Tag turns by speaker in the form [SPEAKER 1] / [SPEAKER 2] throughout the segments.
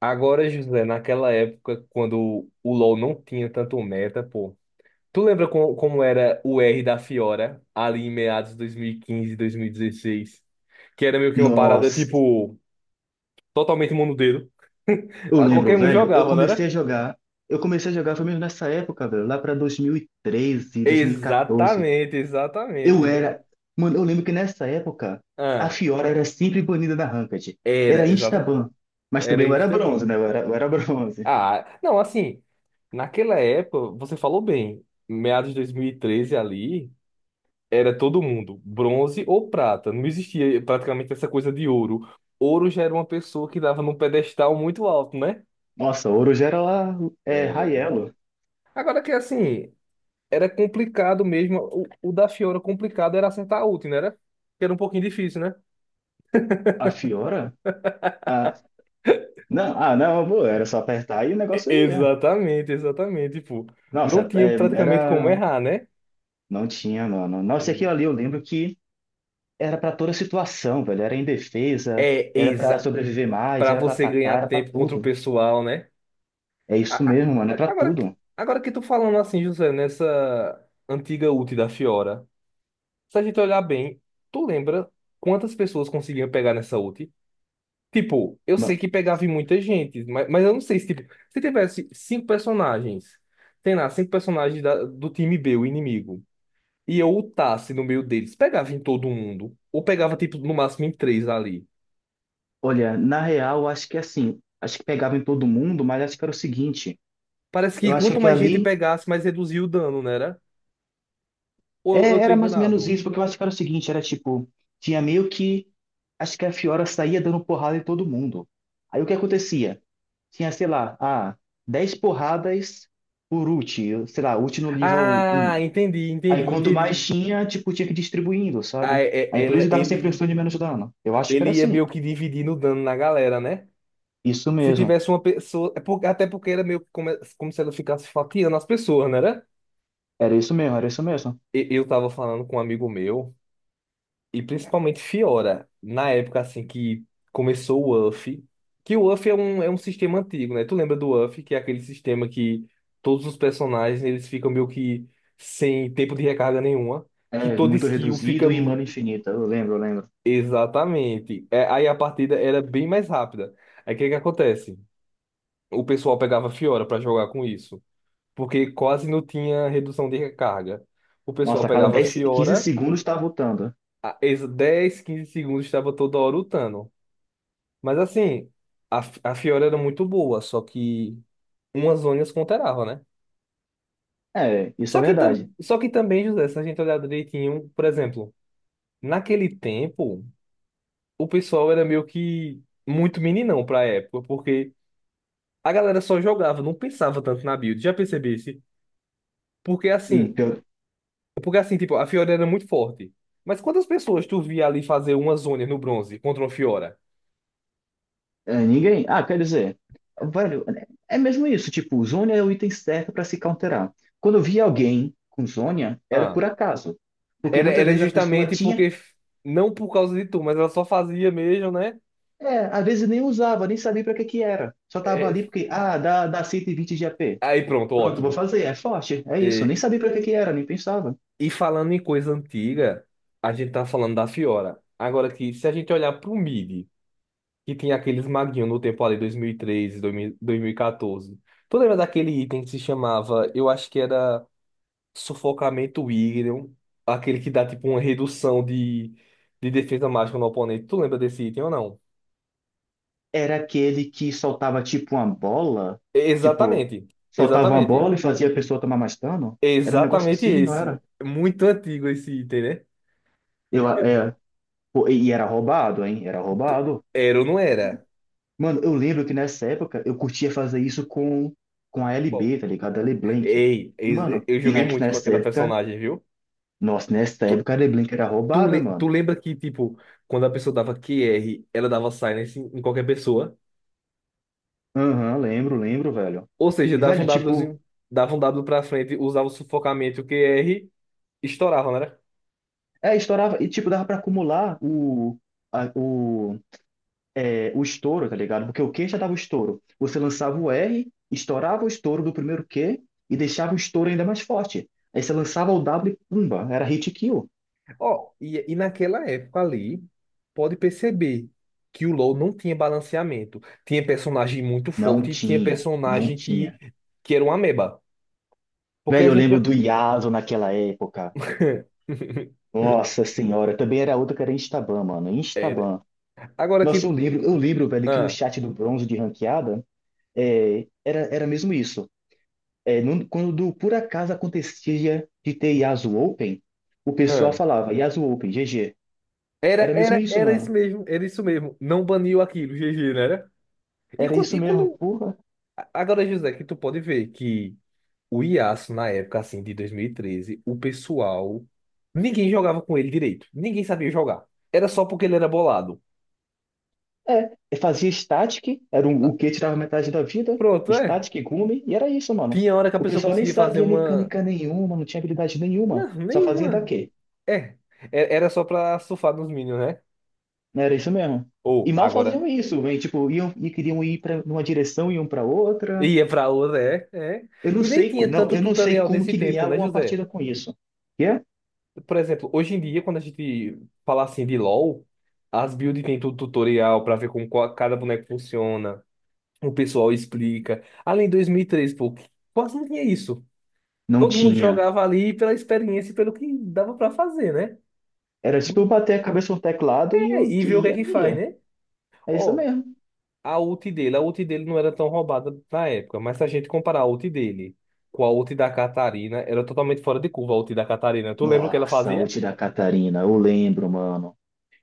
[SPEAKER 1] Agora, José, naquela época, quando o LoL não tinha tanto meta, pô. Tu lembra como era o R da Fiora, ali em meados de 2015, 2016? Que era meio que uma parada,
[SPEAKER 2] Nossa,
[SPEAKER 1] tipo, totalmente monodedo.
[SPEAKER 2] eu
[SPEAKER 1] Ah,
[SPEAKER 2] lembro,
[SPEAKER 1] qualquer um
[SPEAKER 2] velho.
[SPEAKER 1] jogava, não era?
[SPEAKER 2] Eu comecei a jogar foi mesmo nessa época, velho, lá pra dois mil e 2014.
[SPEAKER 1] Exatamente,
[SPEAKER 2] Eu
[SPEAKER 1] exatamente.
[SPEAKER 2] era. Mano, eu lembro que nessa época a
[SPEAKER 1] Ah,
[SPEAKER 2] Fiora era sempre banida da Ranked. Era
[SPEAKER 1] era,
[SPEAKER 2] Instaban. Mas
[SPEAKER 1] era
[SPEAKER 2] também eu era bronze,
[SPEAKER 1] Instaban.
[SPEAKER 2] né? Eu era bronze.
[SPEAKER 1] Ah, não, assim, naquela época, você falou bem, meados de 2013 ali. Era todo mundo, bronze ou prata. Não existia praticamente essa coisa de ouro. Ouro já era uma pessoa que dava num pedestal muito alto, né?
[SPEAKER 2] Nossa, ouro já era lá, é, high.
[SPEAKER 1] É, agora que assim, era complicado mesmo. O da Fiora complicado era acertar a ult, né? Que era um pouquinho difícil, né?
[SPEAKER 2] A Fiora? Ah, não, ah, não, pô, era só apertar e o negócio ia.
[SPEAKER 1] Exatamente, exatamente. Tipo, não
[SPEAKER 2] Nossa,
[SPEAKER 1] tinha
[SPEAKER 2] é,
[SPEAKER 1] praticamente como
[SPEAKER 2] era.
[SPEAKER 1] errar, né?
[SPEAKER 2] Não tinha, mano. Nossa, aqui ali eu lembro era pra toda situação, velho. Era indefesa,
[SPEAKER 1] É,
[SPEAKER 2] era pra
[SPEAKER 1] exa
[SPEAKER 2] sobreviver mais,
[SPEAKER 1] para
[SPEAKER 2] era pra
[SPEAKER 1] você
[SPEAKER 2] atacar,
[SPEAKER 1] ganhar
[SPEAKER 2] era pra
[SPEAKER 1] tempo contra o
[SPEAKER 2] tudo.
[SPEAKER 1] pessoal, né?
[SPEAKER 2] É
[SPEAKER 1] A-
[SPEAKER 2] isso
[SPEAKER 1] a-
[SPEAKER 2] mesmo, mano, é pra
[SPEAKER 1] Agora,
[SPEAKER 2] tudo.
[SPEAKER 1] agora que tu falando assim, José, nessa antiga ult da Fiora. Se a gente olhar bem, tu lembra quantas pessoas conseguiam pegar nessa ult? Tipo, eu sei
[SPEAKER 2] Ma-
[SPEAKER 1] que pegava em muita gente, mas eu não sei se, tipo, se tivesse cinco personagens, tem lá, cinco personagens do time B, o inimigo, e eu ultasse no meio deles, pegava em todo mundo, ou pegava, tipo, no máximo em três ali.
[SPEAKER 2] Olha, na real, eu acho que assim, acho que pegava em todo mundo, mas acho que era o seguinte,
[SPEAKER 1] Parece
[SPEAKER 2] eu
[SPEAKER 1] que
[SPEAKER 2] acho que
[SPEAKER 1] quanto
[SPEAKER 2] aquilo
[SPEAKER 1] mais gente
[SPEAKER 2] ali
[SPEAKER 1] pegasse, mais reduzia o dano, não era? Ou eu
[SPEAKER 2] é,
[SPEAKER 1] tô
[SPEAKER 2] era mais ou menos
[SPEAKER 1] enganado?
[SPEAKER 2] isso, porque eu acho que era o seguinte, era tipo, tinha meio que, acho que a Fiora saía dando porrada em todo mundo. Aí o que acontecia? Tinha, sei lá, ah, 10 porradas por ult, sei lá, ult no nível
[SPEAKER 1] Ah,
[SPEAKER 2] um.
[SPEAKER 1] entendi,
[SPEAKER 2] Aí
[SPEAKER 1] entendi,
[SPEAKER 2] quanto mais
[SPEAKER 1] entendi.
[SPEAKER 2] tinha, tipo, tinha que ir distribuindo,
[SPEAKER 1] Ah,
[SPEAKER 2] sabe?
[SPEAKER 1] é-
[SPEAKER 2] Aí por
[SPEAKER 1] ele,
[SPEAKER 2] isso dava sempre um
[SPEAKER 1] ele
[SPEAKER 2] estudo de menos dano. Eu acho que
[SPEAKER 1] ele
[SPEAKER 2] era
[SPEAKER 1] ia
[SPEAKER 2] assim.
[SPEAKER 1] meio que dividindo o dano na galera, né?
[SPEAKER 2] Isso
[SPEAKER 1] Se
[SPEAKER 2] mesmo.
[SPEAKER 1] tivesse uma pessoa. Até porque era meio que como, como se ela ficasse fatiando as pessoas, né? Era?
[SPEAKER 2] Era isso mesmo, era isso mesmo.
[SPEAKER 1] Eu tava falando com um amigo meu, e principalmente Fiora, na época assim que começou o UF, que o UF é um sistema antigo, né? Tu lembra do UF, que é aquele sistema que todos os personagens eles ficam meio que sem tempo de recarga nenhuma, que
[SPEAKER 2] É,
[SPEAKER 1] toda
[SPEAKER 2] muito
[SPEAKER 1] skill fica.
[SPEAKER 2] reduzido e mana infinita. Eu lembro, eu lembro.
[SPEAKER 1] Exatamente. É, aí a partida era bem mais rápida. Aí o que que acontece? O pessoal pegava Fiora pra jogar com isso, porque quase não tinha redução de recarga. O pessoal
[SPEAKER 2] Nossa, a cada
[SPEAKER 1] pegava
[SPEAKER 2] 10, 15
[SPEAKER 1] Fiora,
[SPEAKER 2] segundos tá voltando.
[SPEAKER 1] 10, 15 segundos estava toda hora lutando. Mas assim, a Fiora era muito boa, só que umas zonas counterava, né?
[SPEAKER 2] É, isso é
[SPEAKER 1] Só que, tam,
[SPEAKER 2] verdade.
[SPEAKER 1] só que também, José, se a gente olhar direitinho, por exemplo, naquele tempo, o pessoal era meio que muito meninão pra época, porque a galera só jogava, não pensava tanto na build, já percebesse? Porque
[SPEAKER 2] Hum,
[SPEAKER 1] assim,
[SPEAKER 2] pior-
[SPEAKER 1] Porque assim, tipo, a Fiora era muito forte. Mas quantas pessoas tu via ali fazer uma zona no bronze contra uma Fiora?
[SPEAKER 2] é, ninguém. Ah, quer dizer, velho, é mesmo isso. Tipo, Zhonya é o item certo pra se counterar. Quando eu via alguém com Zhonya, era por
[SPEAKER 1] Ah,
[SPEAKER 2] acaso. Porque
[SPEAKER 1] era,
[SPEAKER 2] muitas
[SPEAKER 1] era
[SPEAKER 2] vezes a pessoa
[SPEAKER 1] justamente
[SPEAKER 2] tinha.
[SPEAKER 1] porque. Não por causa de tu, mas ela só fazia mesmo, né?
[SPEAKER 2] É, às vezes nem usava, nem sabia para que que era. Só tava ali
[SPEAKER 1] É,
[SPEAKER 2] porque, ah, dá 120 de AP.
[SPEAKER 1] aí pronto,
[SPEAKER 2] Pronto, vou
[SPEAKER 1] ótimo.
[SPEAKER 2] fazer, é forte, é isso. Nem
[SPEAKER 1] É,
[SPEAKER 2] sabia para que que era, nem pensava.
[SPEAKER 1] e falando em coisa antiga, a gente tá falando da Fiora. Agora que se a gente olhar pro mid, que tinha aqueles maguinhos no tempo ali, 2013, 2000 2014. Tu lembra daquele item que se chamava, eu acho que era. Sufocamento William, aquele que dá tipo uma redução de defesa mágica no oponente. Tu lembra desse item ou não?
[SPEAKER 2] Era aquele que soltava tipo uma bola, tipo,
[SPEAKER 1] Exatamente,
[SPEAKER 2] soltava uma
[SPEAKER 1] exatamente.
[SPEAKER 2] bola e fazia a pessoa tomar mais dano. Era um negócio
[SPEAKER 1] Exatamente
[SPEAKER 2] assim, não
[SPEAKER 1] esse.
[SPEAKER 2] era?
[SPEAKER 1] Muito antigo esse item, né?
[SPEAKER 2] Eu, é, pô, e era roubado, hein? Era roubado.
[SPEAKER 1] Era ou não era?
[SPEAKER 2] Mano, eu lembro que nessa época eu curtia fazer isso com a
[SPEAKER 1] E qual?
[SPEAKER 2] LB, tá ligado? A LeBlanc.
[SPEAKER 1] Ei,
[SPEAKER 2] E, mano,
[SPEAKER 1] eu joguei muito com
[SPEAKER 2] nessa
[SPEAKER 1] aquela
[SPEAKER 2] época,
[SPEAKER 1] personagem, viu?
[SPEAKER 2] nossa, nessa
[SPEAKER 1] Tu,
[SPEAKER 2] época a LeBlanc era
[SPEAKER 1] tu,
[SPEAKER 2] roubada,
[SPEAKER 1] le- tu
[SPEAKER 2] mano.
[SPEAKER 1] lembra que, tipo, quando a pessoa dava QR, ela dava silence em qualquer pessoa?
[SPEAKER 2] Aham, lembro, lembro, velho.
[SPEAKER 1] Ou seja,
[SPEAKER 2] E,
[SPEAKER 1] dava um
[SPEAKER 2] velho, tipo,
[SPEAKER 1] Wzinho, dava um W pra frente, usava o sufocamento, o QR, estourava, né?
[SPEAKER 2] é, estourava, e, tipo, dava pra acumular o, a- o, é, o estouro, tá ligado? Porque o Q já dava o estouro. Você lançava o R, estourava o estouro do primeiro Q e deixava o estouro ainda mais forte. Aí você lançava o W e pumba, era hit kill.
[SPEAKER 1] Ó, e naquela época ali, pode perceber que o LoL não tinha balanceamento. Tinha personagem muito
[SPEAKER 2] Não
[SPEAKER 1] forte e tinha
[SPEAKER 2] tinha, não
[SPEAKER 1] personagem que,
[SPEAKER 2] tinha.
[SPEAKER 1] que era uma ameba. Porque
[SPEAKER 2] Velho,
[SPEAKER 1] a
[SPEAKER 2] eu
[SPEAKER 1] gente.
[SPEAKER 2] lembro do Yasuo naquela época. Nossa senhora, também era outra que era Instaban, mano,
[SPEAKER 1] Era.
[SPEAKER 2] Instaban.
[SPEAKER 1] Agora
[SPEAKER 2] Nossa,
[SPEAKER 1] que.
[SPEAKER 2] eu lembro, velho, que no
[SPEAKER 1] Ah,
[SPEAKER 2] chat do bronze de ranqueada, é, era mesmo isso. Quando por acaso acontecia de ter Yasuo Open, o pessoal
[SPEAKER 1] ah.
[SPEAKER 2] falava Yasuo Open, GG.
[SPEAKER 1] Era,
[SPEAKER 2] Era mesmo
[SPEAKER 1] era,
[SPEAKER 2] isso,
[SPEAKER 1] era isso
[SPEAKER 2] mano.
[SPEAKER 1] mesmo, era isso mesmo. Não baniu aquilo, GG, né? Era? E
[SPEAKER 2] Era
[SPEAKER 1] quando,
[SPEAKER 2] isso
[SPEAKER 1] e
[SPEAKER 2] mesmo,
[SPEAKER 1] quando.
[SPEAKER 2] porra.
[SPEAKER 1] Agora, José, que tu pode ver que o Yasuo, na época assim, de 2013 o pessoal. Ninguém jogava com ele direito. Ninguém sabia jogar. Era só porque ele era bolado.
[SPEAKER 2] É, eu fazia static, era um, o que tirava metade da vida,
[SPEAKER 1] Pronto, é.
[SPEAKER 2] static, gume, e era isso, mano.
[SPEAKER 1] Tinha hora que a
[SPEAKER 2] O
[SPEAKER 1] pessoa
[SPEAKER 2] pessoal nem
[SPEAKER 1] conseguia fazer
[SPEAKER 2] sabia
[SPEAKER 1] uma.
[SPEAKER 2] mecânica nenhuma, não tinha habilidade nenhuma,
[SPEAKER 1] Não,
[SPEAKER 2] só fazia
[SPEAKER 1] nenhuma.
[SPEAKER 2] daqui.
[SPEAKER 1] É. Era só pra surfar nos Minions, né?
[SPEAKER 2] Não era isso mesmo.
[SPEAKER 1] Ou,
[SPEAKER 2] E mal
[SPEAKER 1] agora.
[SPEAKER 2] faziam isso, velho. Tipo, iam e queriam ir para uma direção, iam para outra.
[SPEAKER 1] Ia pra outra, é, é.
[SPEAKER 2] Eu não
[SPEAKER 1] E nem
[SPEAKER 2] sei,
[SPEAKER 1] tinha tanto
[SPEAKER 2] eu não sei
[SPEAKER 1] tutorial
[SPEAKER 2] como
[SPEAKER 1] nesse
[SPEAKER 2] que
[SPEAKER 1] tempo,
[SPEAKER 2] ganhava
[SPEAKER 1] né,
[SPEAKER 2] uma
[SPEAKER 1] José?
[SPEAKER 2] partida com isso. Que é?
[SPEAKER 1] Por exemplo, hoje em dia, quando a gente fala assim de LoL, as builds tem tudo tutorial pra ver como cada boneco funciona. O pessoal explica. Além de 2003, pô, quase não tinha isso.
[SPEAKER 2] Não
[SPEAKER 1] Todo mundo
[SPEAKER 2] tinha.
[SPEAKER 1] jogava ali pela experiência e pelo que dava pra fazer, né?
[SPEAKER 2] Era tipo eu bater a cabeça no teclado e
[SPEAKER 1] É,
[SPEAKER 2] o
[SPEAKER 1] e
[SPEAKER 2] que
[SPEAKER 1] ver o que é
[SPEAKER 2] ia,
[SPEAKER 1] que faz,
[SPEAKER 2] ia.
[SPEAKER 1] né?
[SPEAKER 2] É isso
[SPEAKER 1] Ó,
[SPEAKER 2] mesmo.
[SPEAKER 1] a ult dele não era tão roubada na época, mas se a gente comparar a ult dele com a ult da Catarina, era totalmente fora de curva a ult da Catarina. Tu lembra o que ela
[SPEAKER 2] Nossa, a
[SPEAKER 1] fazia?
[SPEAKER 2] ult da Catarina, eu lembro, mano.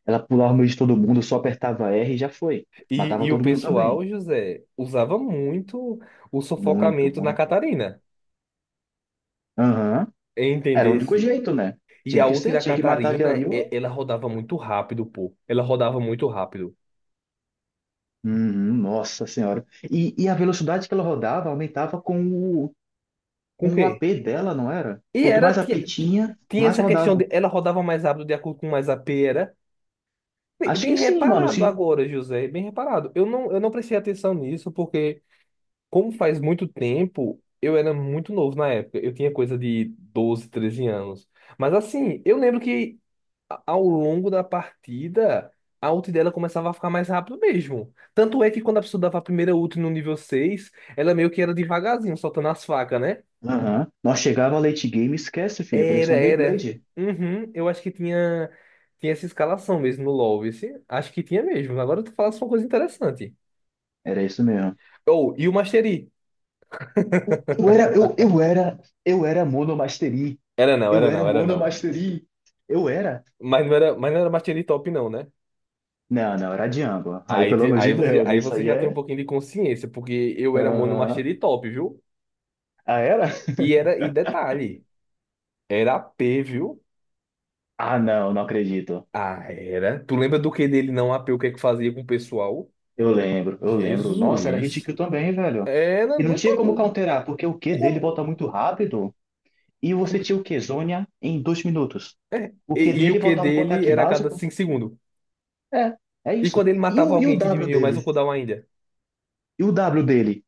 [SPEAKER 2] Ela pulava no meio de todo mundo, só apertava R e já foi.
[SPEAKER 1] E,
[SPEAKER 2] Matava
[SPEAKER 1] e o
[SPEAKER 2] todo mundo também.
[SPEAKER 1] pessoal, José, usava muito o
[SPEAKER 2] Muito,
[SPEAKER 1] sufocamento na
[SPEAKER 2] muito.
[SPEAKER 1] Catarina,
[SPEAKER 2] Aham. Era o único
[SPEAKER 1] entendesse?
[SPEAKER 2] jeito, né?
[SPEAKER 1] E
[SPEAKER 2] Tinha
[SPEAKER 1] a
[SPEAKER 2] que
[SPEAKER 1] ult
[SPEAKER 2] ser,
[SPEAKER 1] da
[SPEAKER 2] tinha que matar aquilo
[SPEAKER 1] Catarina,
[SPEAKER 2] ali, ó.
[SPEAKER 1] ela rodava muito rápido, pô. Ela rodava muito rápido.
[SPEAKER 2] Uhum, nossa senhora. E a velocidade que ela rodava aumentava
[SPEAKER 1] Com o
[SPEAKER 2] com o
[SPEAKER 1] quê?
[SPEAKER 2] AP dela, não era?
[SPEAKER 1] E
[SPEAKER 2] Quanto
[SPEAKER 1] era,
[SPEAKER 2] mais
[SPEAKER 1] tinha,
[SPEAKER 2] AP tinha,
[SPEAKER 1] tinha
[SPEAKER 2] mais
[SPEAKER 1] essa questão
[SPEAKER 2] rodava.
[SPEAKER 1] de, ela rodava mais rápido de acordo com mais a AP. Bem
[SPEAKER 2] Acho
[SPEAKER 1] bem
[SPEAKER 2] que sim, mano,
[SPEAKER 1] reparado
[SPEAKER 2] se.
[SPEAKER 1] agora, José, bem reparado. Eu não prestei atenção nisso porque, como faz muito tempo, eu era muito novo na época. Eu tinha coisa de 12, 13 anos. Mas assim, eu lembro que ao longo da partida, a ult dela começava a ficar mais rápido mesmo. Tanto é que quando a pessoa dava a primeira ult no nível 6 ela meio que era devagarzinho, soltando as facas, né?
[SPEAKER 2] Aham. Nós chegava a late game, esquece, filho,
[SPEAKER 1] Era,
[SPEAKER 2] parecia uma
[SPEAKER 1] era.
[SPEAKER 2] Beyblade.
[SPEAKER 1] Uhum, eu acho que tinha essa escalação mesmo no LoL. Acho que tinha mesmo. Agora tu falasse uma coisa interessante.
[SPEAKER 2] Era isso mesmo.
[SPEAKER 1] Ou, e o Master Yi?
[SPEAKER 2] Eu era, eu, eu era, eu era Monomastery.
[SPEAKER 1] Era não,
[SPEAKER 2] Eu
[SPEAKER 1] era não,
[SPEAKER 2] era
[SPEAKER 1] era não.
[SPEAKER 2] Monomastery. Eu era.
[SPEAKER 1] Mas não era Master Yi top, não, né?
[SPEAKER 2] Não, não, era Django. Aí,
[SPEAKER 1] Aí,
[SPEAKER 2] pelo
[SPEAKER 1] te-
[SPEAKER 2] amor de
[SPEAKER 1] aí, você,
[SPEAKER 2] Deus,
[SPEAKER 1] aí
[SPEAKER 2] isso
[SPEAKER 1] você
[SPEAKER 2] aí
[SPEAKER 1] já tem um
[SPEAKER 2] é.
[SPEAKER 1] pouquinho de consciência, porque eu era mono Master
[SPEAKER 2] Aham.
[SPEAKER 1] Yi top, viu?
[SPEAKER 2] Ah, era?
[SPEAKER 1] E era, e detalhe, era A p, viu?
[SPEAKER 2] Ah, não, não acredito.
[SPEAKER 1] Ah, era. Tu lembra do que dele não AP, o que é que fazia com o pessoal?
[SPEAKER 2] Eu lembro, eu lembro. Nossa, era hit
[SPEAKER 1] Jesus.
[SPEAKER 2] kill também, velho.
[SPEAKER 1] Era,
[SPEAKER 2] E não
[SPEAKER 1] não tá
[SPEAKER 2] tinha como
[SPEAKER 1] doido.
[SPEAKER 2] counterar, porque o Q dele volta
[SPEAKER 1] Como?
[SPEAKER 2] muito rápido. E você
[SPEAKER 1] Como?
[SPEAKER 2] tinha o Q-Zônia em 2 minutos.
[SPEAKER 1] É.
[SPEAKER 2] O Q
[SPEAKER 1] E o
[SPEAKER 2] dele
[SPEAKER 1] que
[SPEAKER 2] voltava com o
[SPEAKER 1] dele
[SPEAKER 2] ataque
[SPEAKER 1] era a cada
[SPEAKER 2] básico.
[SPEAKER 1] 5 segundos.
[SPEAKER 2] É, é
[SPEAKER 1] E quando
[SPEAKER 2] isso.
[SPEAKER 1] ele matava
[SPEAKER 2] E o
[SPEAKER 1] alguém que
[SPEAKER 2] W
[SPEAKER 1] diminuiu mais o
[SPEAKER 2] dele?
[SPEAKER 1] cooldown ainda?
[SPEAKER 2] E o W dele?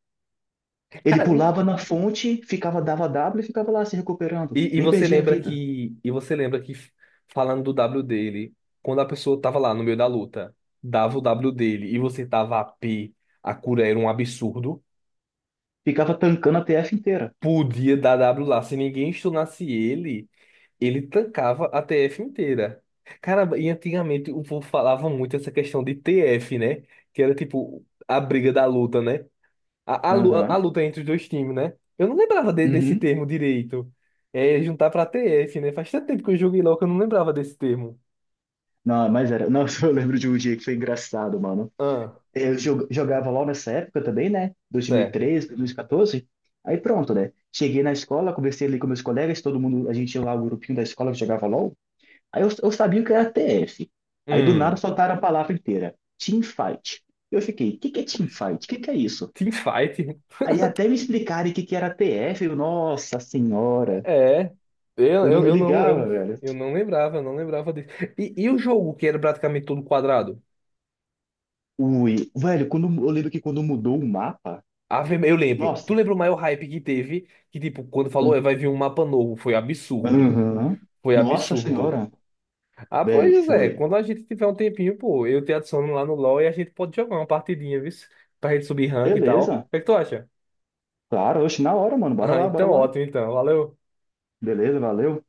[SPEAKER 2] Ele
[SPEAKER 1] Cara,
[SPEAKER 2] pulava na fonte, ficava, dava W e ficava lá se recuperando.
[SPEAKER 1] E
[SPEAKER 2] Nem perdia a vida.
[SPEAKER 1] você lembra que falando do W dele, quando a pessoa tava lá no meio da luta, dava o W dele e você tava a P, a cura era um absurdo,
[SPEAKER 2] Ficava tancando a TF inteira.
[SPEAKER 1] podia dar W lá. Se ninguém stunasse ele, ele tancava a TF inteira. Caramba, e antigamente o povo falava muito essa questão de TF, né? Que era tipo a briga da luta, né? A
[SPEAKER 2] Aham.
[SPEAKER 1] luta entre os dois times, né? Eu não lembrava desse
[SPEAKER 2] Uhum.
[SPEAKER 1] termo direito. É juntar pra TF, né? Faz tanto tempo que eu joguei LoL que eu não lembrava desse termo.
[SPEAKER 2] Não, mas era. Nossa, eu lembro de um dia que foi engraçado, mano.
[SPEAKER 1] Ah,
[SPEAKER 2] Eu jogava LOL nessa época também, né? Dois mil e
[SPEAKER 1] certo.
[SPEAKER 2] 13, dois mil e 2014. Aí pronto, né? Cheguei na escola, conversei ali com meus colegas, todo mundo, a gente tinha lá o grupinho da escola que jogava LOL. Eu sabia o que era TF. Aí do nada
[SPEAKER 1] Hum,
[SPEAKER 2] soltaram a palavra inteira. Teamfight. Eu fiquei, o que que é teamfight? O que que é isso?
[SPEAKER 1] teamfight.
[SPEAKER 2] Aí até me explicarem o que que era TF, eu, nossa senhora,
[SPEAKER 1] É. Eu,
[SPEAKER 2] eu não
[SPEAKER 1] eu,
[SPEAKER 2] me
[SPEAKER 1] eu não,
[SPEAKER 2] ligava,
[SPEAKER 1] eu,
[SPEAKER 2] velho.
[SPEAKER 1] eu não lembrava disso. E o jogo que era praticamente todo quadrado?
[SPEAKER 2] Ui, velho, quando, eu lembro que quando mudou o mapa,
[SPEAKER 1] Eu lembro. Tu
[SPEAKER 2] nossa,
[SPEAKER 1] lembra o maior hype que teve? Que, tipo, quando falou, "É, vai vir um mapa novo", foi absurdo.
[SPEAKER 2] aham,
[SPEAKER 1] Foi
[SPEAKER 2] nossa
[SPEAKER 1] absurdo.
[SPEAKER 2] senhora,
[SPEAKER 1] Ah, pois,
[SPEAKER 2] velho,
[SPEAKER 1] José,
[SPEAKER 2] foi.
[SPEAKER 1] quando a gente tiver um tempinho, pô, eu te adiciono lá no LoL e a gente pode jogar uma partidinha, viu? Pra gente subir rank e tal. O
[SPEAKER 2] Beleza,
[SPEAKER 1] que é que tu acha?
[SPEAKER 2] claro, oxe, na hora, mano, bora
[SPEAKER 1] Ah,
[SPEAKER 2] lá, bora
[SPEAKER 1] então
[SPEAKER 2] lá.
[SPEAKER 1] ótimo, então. Valeu.
[SPEAKER 2] Beleza, valeu.